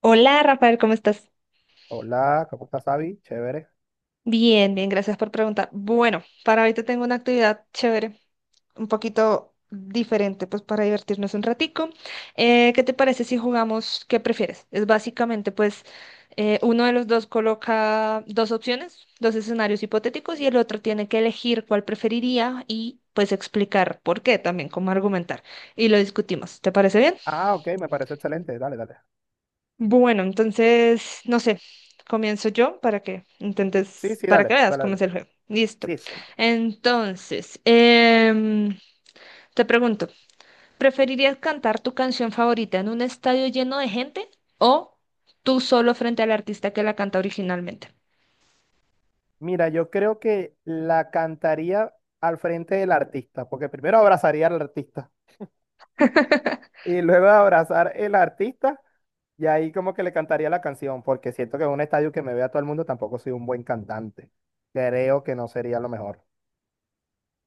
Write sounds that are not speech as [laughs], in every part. Hola Rafael, ¿cómo estás? Hola, ¿cómo estás, Abby? Chévere. Bien, bien, gracias por preguntar. Bueno, para ahorita tengo una actividad chévere, un poquito diferente, pues para divertirnos un ratico. ¿Qué te parece si jugamos qué prefieres? Es básicamente, pues, uno de los dos coloca dos opciones, dos escenarios hipotéticos y el otro tiene que elegir cuál preferiría y pues explicar por qué también, cómo argumentar. Y lo discutimos. ¿Te parece bien? Ah, ok, me parece excelente. Dale, dale. Bueno, entonces, no sé, comienzo yo para que Sí, intentes, sí, para que dale, veas dale, cómo dale. es el juego. Listo. Sí, sí. Entonces, em, te pregunto, ¿preferirías cantar tu canción favorita en un estadio lleno de gente o tú solo frente al artista que la canta originalmente? Mira, yo creo que la cantaría al frente del artista, porque primero abrazaría al artista y luego de abrazar el artista y ahí como que le cantaría la canción, porque siento que en un estadio que me vea todo el mundo tampoco soy un buen cantante. Creo que no sería lo mejor.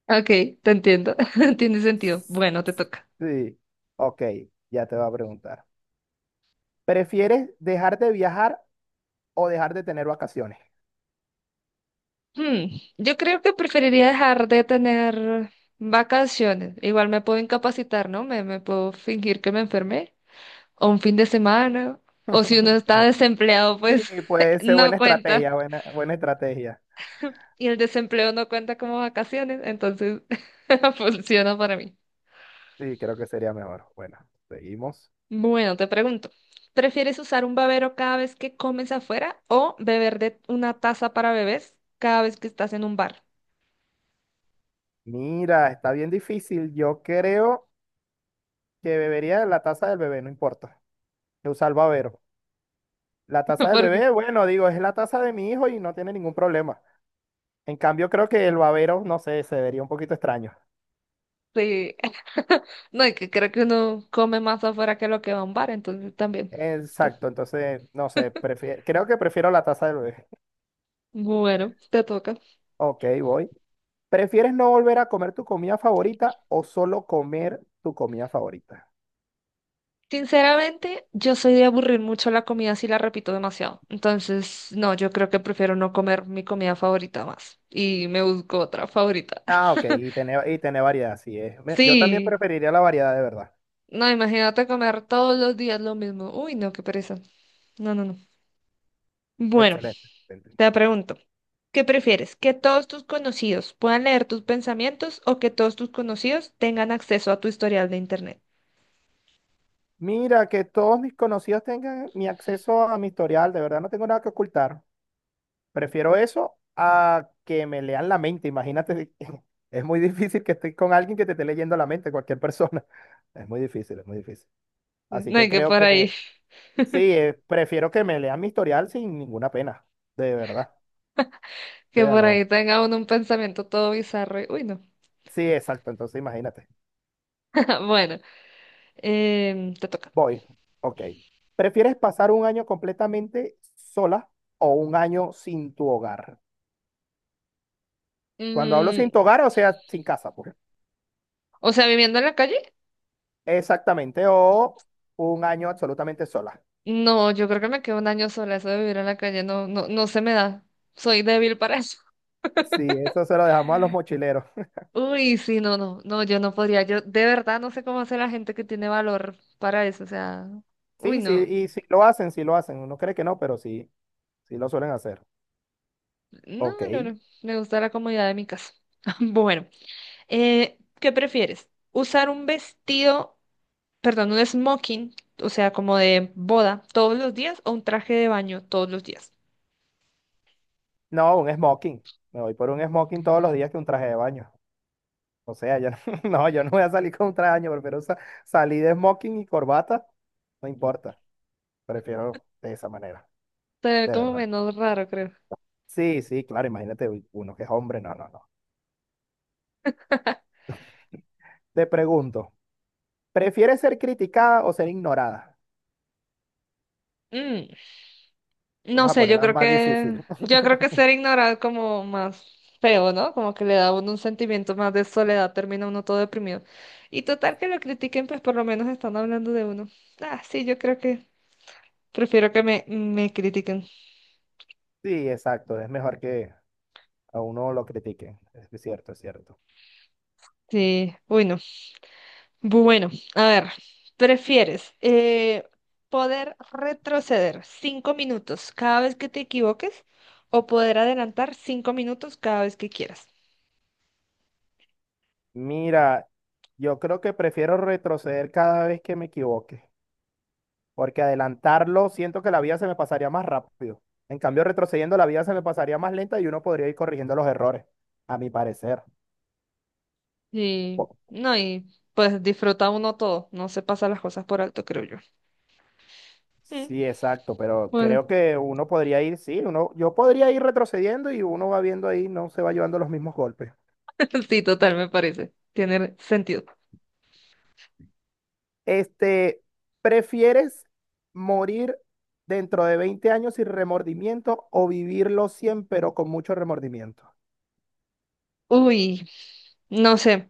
Ok, te entiendo. [laughs] Tiene sentido. Bueno, te toca. Sí, ok, ya te voy a preguntar. ¿Prefieres dejar de viajar o dejar de tener vacaciones? Hmm, Yo creo que preferiría dejar de tener vacaciones. Igual me puedo incapacitar, ¿no? Me puedo fingir que me enfermé o un fin de semana, o si uno está desempleado, pues Sí, puede [laughs] ser no buena cuenta. estrategia, buena, buena estrategia. Y el desempleo no cuenta como vacaciones, entonces [laughs] funciona para mí. Sí, creo que sería mejor. Bueno, seguimos. Bueno, te pregunto, ¿prefieres usar un babero cada vez que comes afuera o beber de una taza para bebés cada vez que estás en un bar? Mira, está bien difícil. Yo creo que bebería la taza del bebé, no importa. Que usa El salvavero. La taza [laughs] del Porque bebé, bueno, digo, es la taza de mi hijo y no tiene ningún problema. En cambio, creo que el babero, no sé, se vería un poquito extraño. sí, [laughs] no, y que creo que uno come más afuera que lo que va a un bar, entonces también. Entonces, Exacto, entonces, no sé, prefiero, creo que prefiero la taza del bebé. [laughs] bueno, te toca. Ok, voy. ¿Prefieres no volver a comer tu comida favorita o solo comer tu comida favorita? Sinceramente, yo soy de aburrir mucho la comida si la repito demasiado. Entonces, no, yo creo que prefiero no comer mi comida favorita más y me busco otra favorita. Ah, [laughs] ok, y tiene variedad, sí es. Yo también Sí, preferiría la variedad de verdad. no, imagínate comer todos los días lo mismo. Uy, no, qué pereza. No, no, no. Bueno, Excelente, excelente. te pregunto, ¿qué prefieres? ¿Que todos tus conocidos puedan leer tus pensamientos o que todos tus conocidos tengan acceso a tu historial de internet? Mira, que todos mis conocidos tengan mi acceso a mi historial, de verdad no tengo nada que ocultar. Prefiero eso a que me lean la mente, imagínate. [laughs] Es muy difícil que estés con alguien que te esté leyendo la mente, cualquier persona. [laughs] Es muy difícil, es muy difícil. Así No, que y que creo por ahí, que sí, prefiero que me lean mi historial sin ninguna pena, de verdad. O sea, no. tenga uno un pensamiento todo bizarro. Uy, no. Sí, exacto, entonces imagínate. [laughs] Bueno. Te toca. Voy, ok. ¿Prefieres pasar un año completamente sola o un año sin tu hogar? Cuando hablo sin Mm, tu hogar, o sea, sin casa, pues. o sea, viviendo en la calle, Exactamente, o un año absolutamente sola. no, yo creo que me quedo un año sola. Eso de vivir en la calle no, no, no se me da. Soy débil para eso. Sí, eso se lo dejamos a los mochileros. [laughs] [laughs] Uy, sí, no, no, no, yo no podría. Yo de verdad no sé cómo hace la gente que tiene valor para eso. O sea, uy, Sí, sí, no, y sí lo hacen, sí lo hacen. Uno cree que no, pero sí, sí lo suelen hacer. no, Ok. no, no. Me gusta la comodidad de mi casa. [laughs] Bueno, ¿qué prefieres? ¿Usar un vestido, perdón, un smoking, o sea, como de boda todos los días o un traje de baño todos los días? No, un smoking. Me voy por un smoking todos los días que un traje de baño. O sea, yo [laughs] no, yo no voy a salir con un traje de baño, prefiero salir de smoking y corbata, no importa. Prefiero de esa manera, Ser de como verdad. menos raro, creo. Sí, sí, claro, imagínate uy, uno que es hombre, no, no, no. Te pregunto, ¿prefieres ser criticada o ser ignorada? Mm, no Vamos a sé, yo ponerla creo más que, difícil. [laughs] yo creo que ser ignorado es como más feo, ¿no? Como que le da a uno un sentimiento más de soledad, termina uno todo deprimido. Y total que lo critiquen, pues por lo menos están hablando de uno. Ah, sí, yo creo que prefiero que me critiquen. Sí, exacto, es mejor que a uno lo critiquen, es cierto, es cierto. Sí, uy, no. Bueno, a ver, ¿prefieres poder retroceder 5 minutos cada vez que te equivoques o poder adelantar 5 minutos cada vez que quieras? Mira, yo creo que prefiero retroceder cada vez que me equivoque, porque adelantarlo siento que la vida se me pasaría más rápido. En cambio, retrocediendo la vida se me pasaría más lenta y uno podría ir corrigiendo los errores, a mi parecer. Sí, no, y pues disfruta uno todo, no se pasa las cosas por alto, creo yo. Mm, Sí, exacto, pero Bueno, creo que uno podría ir, sí, uno, yo podría ir retrocediendo y uno va viendo ahí, no se va llevando los mismos golpes. [laughs] sí, total, me parece, tiene sentido. Este, ¿prefieres morir dentro de 20 años sin remordimiento o vivirlo 100 pero con mucho remordimiento? Uy, no sé,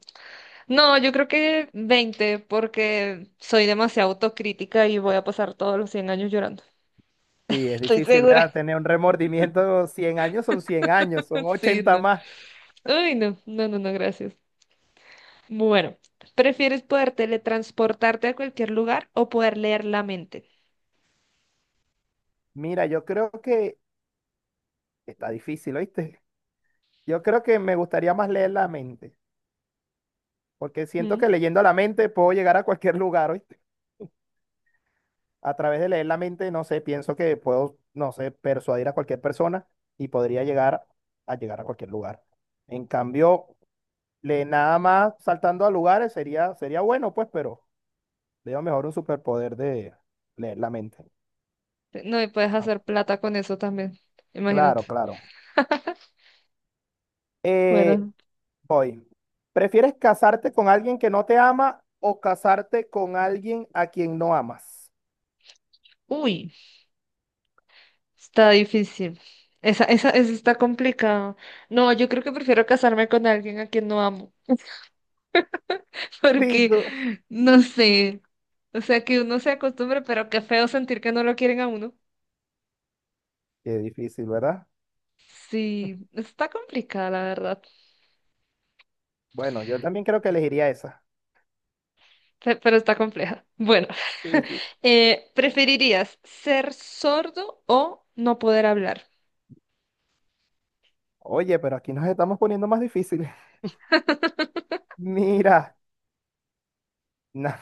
no, yo creo que 20 porque soy demasiado autocrítica y voy a pasar todos los 100 años llorando. Sí, es Estoy difícil, segura. ¿verdad? Tener un remordimiento 100 años son 100 años, son [laughs] Sí, 80 no. más. Uy, no, no, no, no, gracias. Bueno, ¿prefieres poder teletransportarte a cualquier lugar o poder leer la mente? Mira, yo creo que está difícil, ¿oíste? Yo creo que me gustaría más leer la mente, porque siento que Mm, leyendo la mente puedo llegar a cualquier [laughs] lugar, hoy. A través de leer la mente, no sé, pienso que puedo, no sé, persuadir a cualquier persona y podría llegar a cualquier lugar. En cambio, le nada más saltando a lugares sería bueno, pues, pero veo mejor un superpoder de leer la mente. No, y puedes Ah, hacer plata con eso también, imagínate. claro, claro. [laughs] Eh, Bueno, Voy. ¿Prefieres casarte con alguien que no te ama o casarte con alguien a quien no amas? uy, está difícil. Esa está complicada. No, yo creo que prefiero casarme con alguien a quien no amo, [laughs] Sí, porque tú. no sé. O sea, que uno se acostumbre, pero qué feo sentir que no lo quieren a uno. Qué difícil, ¿verdad? Sí, está complicada, la verdad, Bueno, yo también creo que elegiría esa. Pero está compleja. Bueno, Sí, sí. [laughs] ¿Preferirías ser sordo o no poder hablar? Oye, pero aquí nos estamos poniendo más difíciles. [laughs] Mira, no,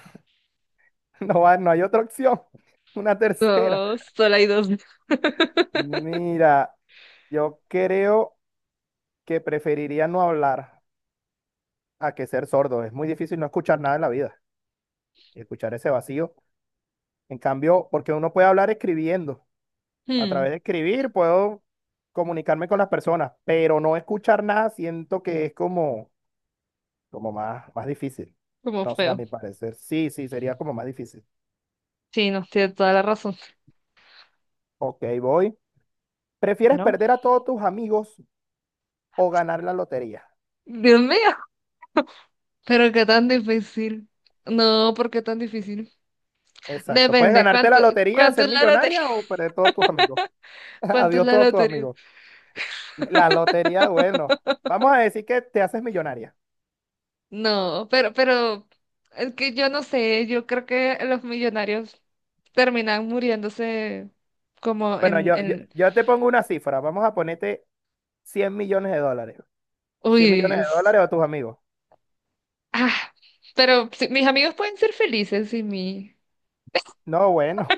[laughs] no, va- no hay otra opción. [laughs] Una tercera. No, solo hay dos. Mira, yo creo que preferiría no hablar a que ser sordo. Es muy difícil no escuchar nada en la vida, escuchar ese vacío. En cambio, porque uno puede hablar escribiendo. A Hmm, través de escribir puedo comunicarme con las personas, pero no escuchar nada siento que es como como más, más difícil. como No sé, a feo. mi parecer, sí, sí, sería como más difícil. Sí, no, tiene toda la razón. Ok, voy. ¿Prefieres Bueno, perder a todos tus amigos o ganar la lotería? Dios mío. Pero qué tan difícil. No, ¿por qué tan difícil? Exacto. Puedes Depende, ganarte la lotería, ¿cuánto ser es la lotería? millonaria o perder todos tus amigos. [laughs] [laughs] ¿Cuánto es Adiós la todos tus lotería? amigos. La lotería, bueno, vamos a decir que te haces millonaria. No, pero, es que yo no sé, yo creo que los millonarios terminan muriéndose como Bueno, yo, yo, yo te pongo una cifra. Vamos a ponerte 100 millones de dólares. uy, cien millones de dólares a tus amigos. ah, pero sí, mis amigos pueden ser felices sin mí. No, bueno.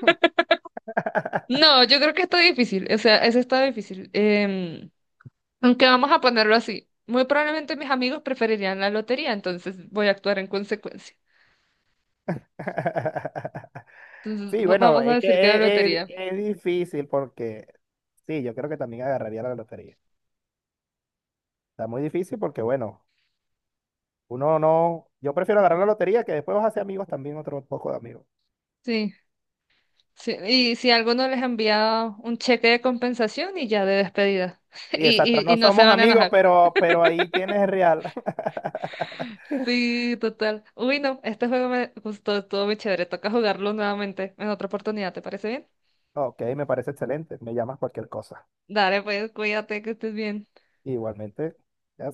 No, yo creo que está difícil, o sea, eso está difícil. Em, aunque vamos a ponerlo así, muy probablemente mis amigos preferirían la lotería, entonces voy a actuar en consecuencia. [laughs] Entonces, Sí, bueno, vamos a es que decir que la es, es- lotería. es difícil porque, sí, yo creo que también agarraría la lotería. Está muy difícil porque, bueno, uno no, yo prefiero agarrar la lotería que después vas a hacer amigos también, otro poco de amigos. Sí, sí. Y si alguno les ha enviado un cheque de compensación y ya de despedida. [laughs] Sí, exacto, Y no no se somos van a amigos, enojar. Pero ahí tienes real. [laughs] Sí, total. Uy, no, este juego me gustó, estuvo muy chévere. Toca jugarlo nuevamente en otra oportunidad, ¿te parece bien? Ok, me parece excelente, me llamas cualquier cosa. Dale, pues, cuídate, que estés bien. Igualmente, ya